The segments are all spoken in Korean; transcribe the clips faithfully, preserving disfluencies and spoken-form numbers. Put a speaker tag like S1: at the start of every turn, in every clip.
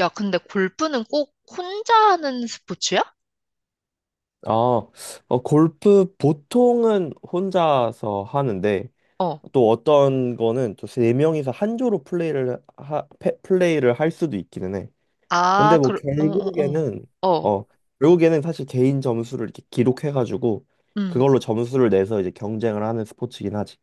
S1: 야, 근데 골프는 꼭 혼자 하는 스포츠야?
S2: 아, 어, 골프 보통은 혼자서 하는데
S1: 어.
S2: 또 어떤 거는 또 세 명이서 한 조로 플레이를 하, 패- 플레이를 할 수도 있기는 해. 근데
S1: 아,
S2: 뭐
S1: 그, 어, 어, 어.
S2: 결국에는
S1: 어,
S2: 어 결국에는 사실 개인 점수를 이렇게 기록해가지고
S1: 음.
S2: 그걸로 점수를 내서 이제 경쟁을 하는 스포츠긴 하지.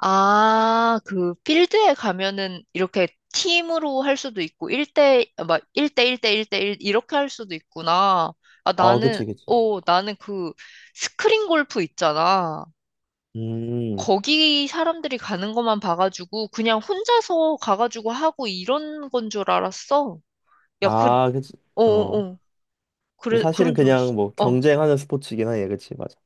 S1: 아, 그, 필드에 가면은 이렇게 팀으로 할 수도 있고, 일 대, 막, 일 대 일 대 일 대 일 이렇게 할 수도 있구나. 아,
S2: 아,
S1: 나는,
S2: 그치, 그치.
S1: 어, 나는 그, 스크린 골프 있잖아.
S2: 음,
S1: 거기 사람들이 가는 것만 봐가지고, 그냥 혼자서 가가지고 하고 이런 건 줄 알았어. 야, 그,
S2: 아, 그치.
S1: 어, 어,
S2: 어,
S1: 어. 그래,
S2: 사실은
S1: 그런 줄 알았어.
S2: 그냥 뭐
S1: 어.
S2: 경쟁하는 스포츠긴 하얘 그치, 맞아.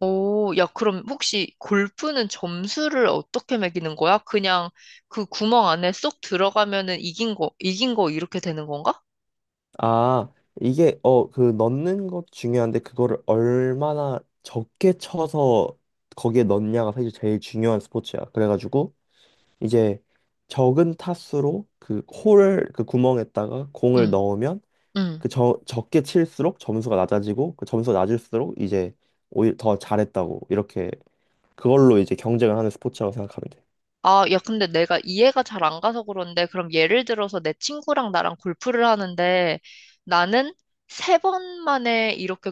S1: 오, 야, 그럼 혹시 골프는 점수를 어떻게 매기는 거야? 그냥 그 구멍 안에 쏙 들어가면은 이긴 거, 이긴 거 이렇게 되는 건가?
S2: 아, 이게 어 그 넣는 것 중요한데 그거를 얼마나 적게 쳐서 거기에 넣냐가 사실 제일 중요한 스포츠야. 그래가지고 이제 적은 타수로 그 홀을 그 구멍에다가 공을
S1: 응,
S2: 넣으면
S1: 응.
S2: 그 저, 적게 칠수록 점수가 낮아지고 그 점수가 낮을수록 이제 오히려 더 잘했다고 이렇게 그걸로 이제 경쟁을 하는 스포츠라고 생각하면 돼.
S1: 아, 야, 근데 내가 이해가 잘 안 가서 그런데, 그럼 예를 들어서 내 친구랑 나랑 골프를 하는데, 나는 세 번 만에 이렇게,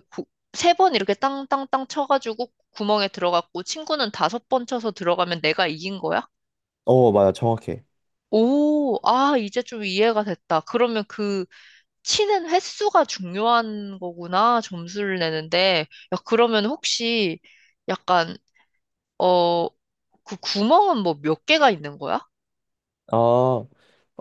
S1: 세 번 이렇게 땅땅땅 쳐가지고 구멍에 들어갔고, 친구는 다섯 번 쳐서 들어가면 내가 이긴 거야?
S2: 어, 맞아. 정확해.
S1: 오, 아, 이제 좀 이해가 됐다. 그러면 그, 치는 횟수가 중요한 거구나, 점수를 내는데. 야, 그러면 혹시 약간, 어, 그 구멍은 뭐 몇 개가 있는 거야?
S2: 아,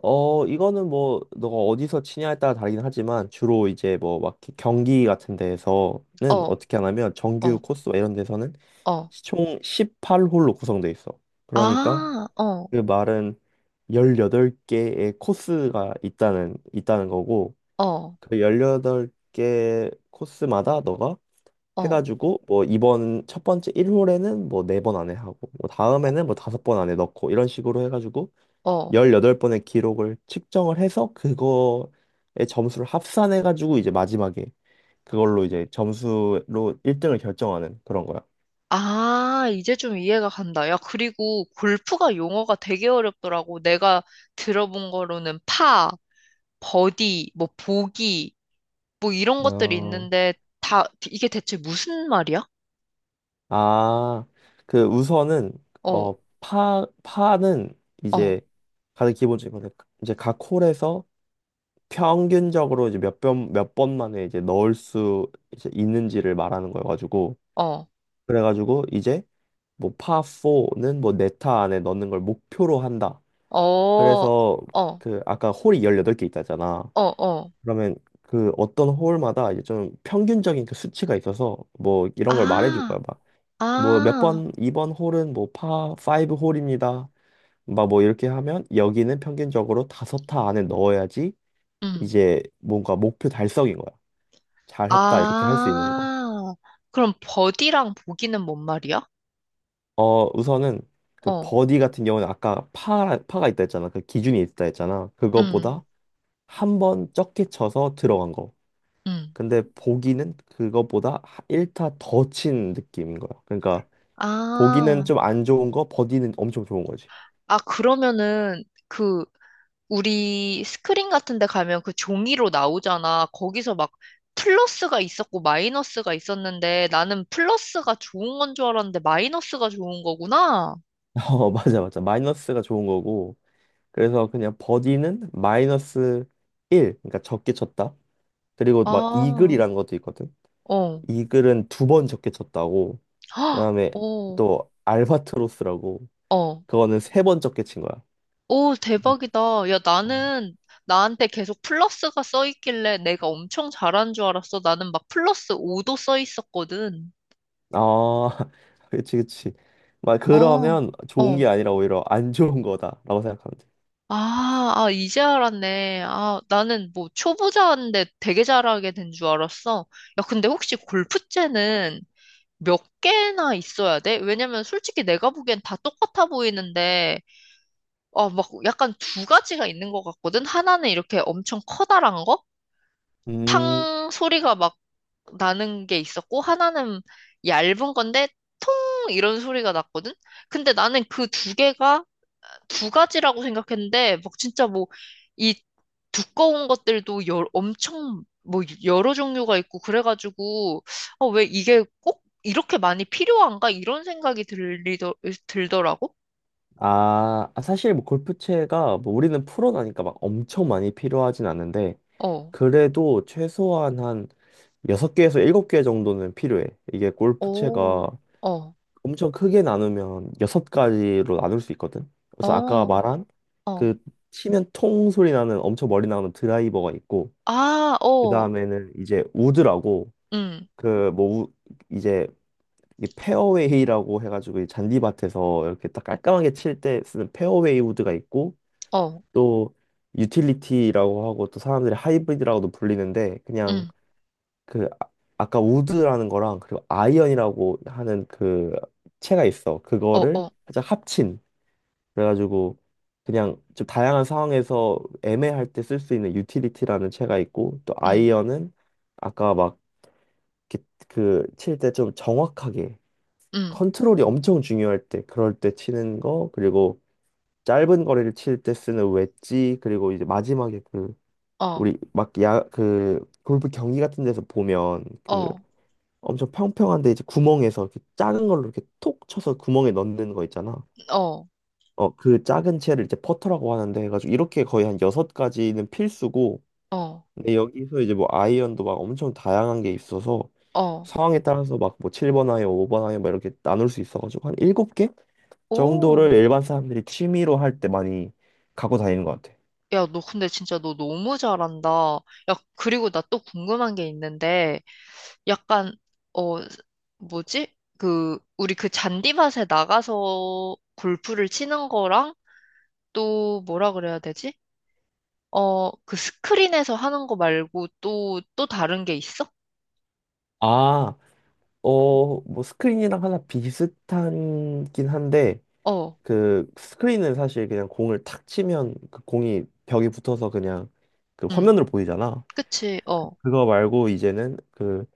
S2: 어, 이거는 뭐, 너가 어디서 치냐에 따라 다르긴 하지만, 주로 이제 뭐, 막 경기 같은 데에서는
S1: 어,
S2: 어떻게 하냐면, 정규
S1: 어,
S2: 코스 이런 데서는
S1: 어.
S2: 총 십팔 홀로 구성돼 있어. 그러니까
S1: 아, 어,
S2: 그 말은 십팔 개의 코스가 있다는, 있다는 거고,
S1: 어,
S2: 그 십팔 개 코스마다 너가
S1: 어,
S2: 해가지고, 뭐, 이번 첫 번째 일 홀에는 뭐, 사 번 안에 하고, 뭐, 다음에는 뭐, 오 번 안에 넣고, 이런 식으로 해가지고,
S1: 어.
S2: 십팔 번의 기록을 측정을 해서 그거의 점수를 합산해 가지고 이제 마지막에 그걸로 이제 점수로 일 등을 결정하는 그런 거야.
S1: 아, 이제 좀 이해가 간다. 야, 그리고 골프가 용어가 되게 어렵더라고. 내가 들어본 거로는 파, 버디, 뭐 보기, 뭐 이런 것들이
S2: 어,
S1: 있는데 다 이게 대체 무슨 말이야?
S2: 아, 그 우선은
S1: 어,
S2: 어, 파 파는
S1: 어,
S2: 이제 가장 기본적인 건데 이제 각 홀에서 평균적으로 이제 몇 번 몇 번 만에 이제 넣을 수 이제 있는지를 말하는 거여 가지고
S1: 어.
S2: 그래 가지고 이제 뭐 파사는 뭐 네타 안에 넣는 걸 목표로 한다.
S1: 어, 어,
S2: 그래서
S1: 어,
S2: 그 아까 홀이 십팔 개 있다잖아.
S1: 어.
S2: 그러면 그 어떤 홀마다 이제 좀 평균적인 그 수치가 있어서 뭐 이런 걸 말해줄 거야.
S1: 아,
S2: 막 뭐 몇
S1: 아,
S2: 번, 이번 홀은 뭐파 브 홀입니다. 막 뭐 이렇게 하면 여기는 평균적으로 다섯 타 안에 넣어야지
S1: 음.
S2: 이제 뭔가 목표 달성인 거야. 잘했다 이렇게 할 수 있는 거.
S1: 아, 그럼 버디랑 보기는 뭔 말이야?
S2: 어 우선은 그
S1: 어,
S2: 버디 같은 경우는 아까 파 파가 있다 했잖아. 그 기준이 있다 했잖아.
S1: 음,
S2: 그것보다 한 번 적게 쳐서 들어간 거.
S1: 음.
S2: 근데 보기는 그거보다 일 타 더 친 느낌인 거야. 그러니까 보기는
S1: 아,
S2: 좀 안 좋은 거, 버디는 엄청 좋은 거지.
S1: 아, 그러면은 그 우리 스크린 같은 데 가면 그 종이로 나오잖아. 거기서 막 플러스가 있었고 마이너스가 있었는데 나는 플러스가 좋은 건 줄 알았는데 마이너스가 좋은 거구나.
S2: 어, 맞아, 맞아. 마이너스가 좋은 거고. 그래서 그냥 버디는 마이너스 일, 그러니까 적게 쳤다. 그리고
S1: 아,
S2: 막
S1: 어,
S2: 이글이라는 것도 있거든. 이글은 두 번 적게 쳤다고.
S1: 헉,
S2: 그다음에
S1: 어,
S2: 또 알바트로스라고.
S1: 어.
S2: 그거는 세 번 적게 친 거야.
S1: 오, 대박이다. 야, 나는 나한테 계속 플러스가 써 있길래 내가 엄청 잘하는 줄 알았어. 나는 막 플러스 오 도 써 있었거든.
S2: 아, 그치, 그치. 막
S1: 어,
S2: 그러면 좋은 게
S1: 어.
S2: 아니라 오히려 안 좋은 거다라고 생각하면 돼.
S1: 아, 아, 이제 알았네. 아, 나는 뭐 초보자인데 되게 잘하게 된 줄 알았어. 야, 근데 혹시 골프채는 몇 개나 있어야 돼? 왜냐면 솔직히 내가 보기엔 다 똑같아 보이는데, 어, 막 약간 두 가지가 있는 것 같거든? 하나는 이렇게 엄청 커다란 거?
S2: 음,
S1: 탕 소리가 막 나는 게 있었고 하나는 얇은 건데 통 이런 소리가 났거든. 근데 나는 그 두 개가 두 가지라고 생각했는데 막 진짜 뭐 이 두꺼운 것들도 여, 엄청 뭐 여러 종류가 있고 그래가지고 어, 왜 이게 꼭 이렇게 많이 필요한가 이런 생각이 들리더 들더라고.
S2: 아, 아, 사실 뭐 골프채가 뭐 우리는 프로라니까 막 엄청 많이 필요하진 않은데
S1: 어.
S2: 그래도 최소한 한 여섯 개에서 일곱 개 정도는 필요해. 이게 골프채가
S1: 오. 어.
S2: 엄청 크게 나누면 여섯 가지로 나눌 수 있거든. 그래서 아까
S1: 어.
S2: 말한
S1: 어.
S2: 그 치면 통 소리 나는 엄청 멀리 나오는 드라이버가 있고
S1: 아, 어.
S2: 그다음에는 이제 우드라고
S1: 음.
S2: 그 뭐 이제 이 페어웨이라고 해가지고 이 잔디밭에서 이렇게 딱 깔끔하게 칠 때 쓰는 페어웨이 우드가 있고
S1: 어.
S2: 또 유틸리티라고 하고 또 사람들이 하이브리드라고도 불리는데 그냥
S1: 음.
S2: 그 아, 아까 우드라는 거랑 그리고 아이언이라고 하는 그 채가 있어.
S1: 어.
S2: 그거를
S1: 어.
S2: 살짝 합친 그래가지고 그냥 좀 다양한 상황에서 애매할 때 쓸 수 있는 유틸리티라는 채가 있고 또
S1: 음.
S2: 아이언은 아까 막 그 칠 때 좀 정확하게
S1: 음.
S2: 컨트롤이 엄청 중요할 때, 그럴 때 치는 거, 그리고 짧은 거리를 칠 때 쓰는 웨지, 그리고 이제 마지막에 그,
S1: 어.
S2: 우리 막 야, 그, 골프 경기 같은 데서 보면 그
S1: 어.
S2: 엄청 평평한데 이제 구멍에서 이렇게 작은 걸로 이렇게 톡 쳐서 구멍에 넣는 거 있잖아.
S1: 어,
S2: 어, 그 작은 채를 이제 퍼터라고 하는데 해가지고 이렇게 거의 한 여섯 가지는 필수고,
S1: 어,
S2: 근데 여기서 이제 뭐 아이언도 막 엄청 다양한 게 있어서
S1: 어.
S2: 상황에 따라서 막 뭐 칠 번 아이언, 오 번 아이언 막 이렇게 나눌 수 있어가지고 한 일곱 개?
S1: 오.
S2: 정도를 일반 사람들이 취미로 할 때 많이 갖고 다니는 것 같아.
S1: 야, 너 근데 진짜 너 너무 잘한다. 야, 그리고 나 또 궁금한 게 있는데, 약간, 어, 뭐지? 그, 우리 그 잔디밭에 나가서 골프를 치는 거랑 또 뭐라 그래야 되지? 어, 그 스크린에서 하는 거 말고 또, 또 다른 게 있어?
S2: 아, 어, 뭐 스크린이랑 하나 비슷한긴 한데
S1: 어,
S2: 그 스크린은 사실 그냥 공을 탁 치면 그 공이 벽에 붙어서 그냥 그
S1: 응,
S2: 화면으로 보이잖아.
S1: 그치, 어,
S2: 그거 말고 이제는 그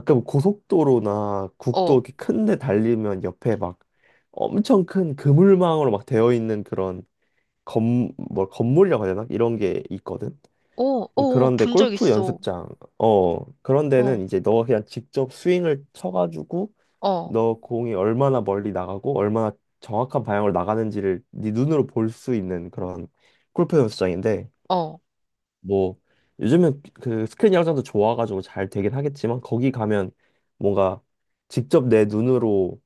S2: 가끔 고속도로나 국도
S1: 어,
S2: 이렇게 큰데 달리면 옆에 막 엄청 큰 그물망으로 막 되어 있는 그런 건뭐 건물이라고 해야 되나? 이런 게 있거든.
S1: 오, 오,
S2: 그런데
S1: 본 적
S2: 골프
S1: 있어.
S2: 연습장, 어, 그런 데는
S1: 어,
S2: 이제 너가 그냥 직접 스윙을 쳐가지고
S1: 어,
S2: 너 공이 얼마나 멀리 나가고 얼마나 정확한 방향으로 나가는지를 네 눈으로 볼 수 있는 그런 골프 연습장인데
S1: 어,
S2: 뭐 요즘은 그 스크린 야구장도 좋아가지고 잘 되긴 하겠지만 거기 가면 뭔가 직접 내 눈으로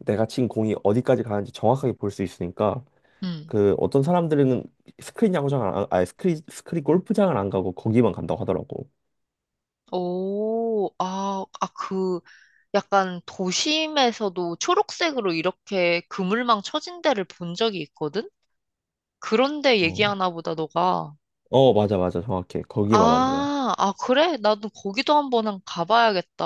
S2: 내가 친 공이 어디까지 가는지 정확하게 볼 수 있으니까
S1: 응.
S2: 그 어떤 사람들은 스크린 야구장을 안- 아니 스크린 스크린 골프장을 안 가고 거기만 간다고 하더라고.
S1: 오, 아, 아, 그, 약간 도심에서도 초록색으로 이렇게 그물망 쳐진 데를 본 적이 있거든? 그런데
S2: 어.
S1: 얘기하나 보다, 너가.
S2: 어, 맞아, 맞아. 정확해. 거기 말하는 거야.
S1: 아, 아, 그래? 나도 거기도 한번 한- 가봐야겠다.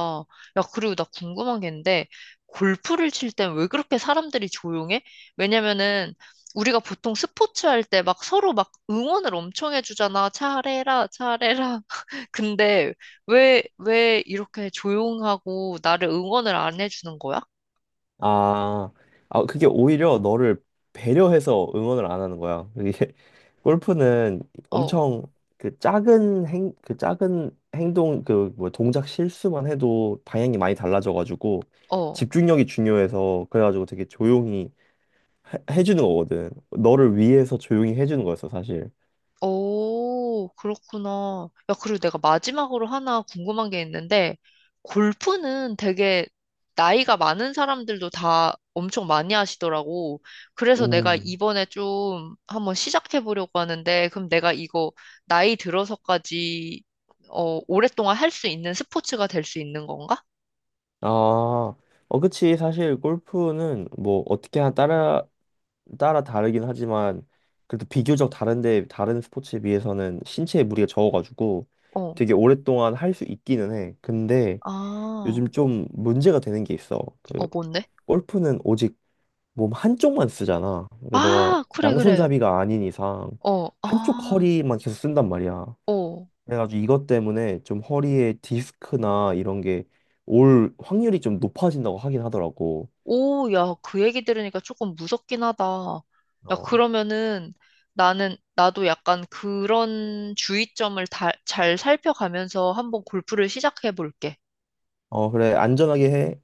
S1: 야, 그리고 나 궁금한 게 있는데, 골프를 칠 땐 왜 그렇게 사람들이 조용해? 왜냐면은, 우리가 보통 스포츠 할 때 막 서로 막 응원을 엄청 해주잖아. 잘해라, 잘해라. 근데 왜, 왜 이렇게 조용하고 나를 응원을 안 해주는 거야?
S2: 아, 아, 그게 오히려 너를 배려해서 응원을 안 하는 거야. 이게 골프는
S1: 어,
S2: 엄청 그 작은 행, 그 작은 행동, 그 뭐 동작 실수만 해도 방향이 많이 달라져가지고
S1: 어.
S2: 집중력이 중요해서 그래가지고 되게 조용히 해, 해주는 거거든. 너를 위해서 조용히 해주는 거였어, 사실.
S1: 오, 그렇구나. 야, 그리고 내가 마지막으로 하나 궁금한 게 있는데, 골프는 되게 나이가 많은 사람들도 다 엄청 많이 하시더라고. 그래서 내가
S2: 음.
S1: 이번에 좀 한번 시작해 보려고 하는데, 그럼 내가 이거 나이 들어서까지, 어, 오랫동안 할 수 있는 스포츠가 될 수 있는 건가?
S2: 아, 어, 그치. 사실 골프는 뭐 어떻게 하나 따라 따라 다르긴 하지만 그래도 비교적 다른데 다른 스포츠에 비해서는 신체에 무리가 적어가지고
S1: 어,
S2: 되게 오랫동안 할 수 있기는 해. 근데
S1: 아,
S2: 요즘 좀 문제가 되는 게 있어. 그
S1: 어, 뭔데?
S2: 골프는 오직 몸 한쪽만 쓰잖아. 그러니까 너가
S1: 아, 그래, 그래.
S2: 양손잡이가 아닌 이상
S1: 어,
S2: 한쪽
S1: 아,
S2: 허리만 계속 쓴단 말이야.
S1: 어.
S2: 그래가지고 이것 때문에 좀 허리에 디스크나 이런 게 올 확률이 좀 높아진다고 하긴 하더라고.
S1: 오, 야, 그 얘기 들으니까 조금 무섭긴 하다. 야,
S2: 어,
S1: 그러면은 나는, 나도 약간 그런 주의점을 다, 잘 살펴가면서 한번 골프를 시작해 볼게.
S2: 어, 그래. 안전하게 해.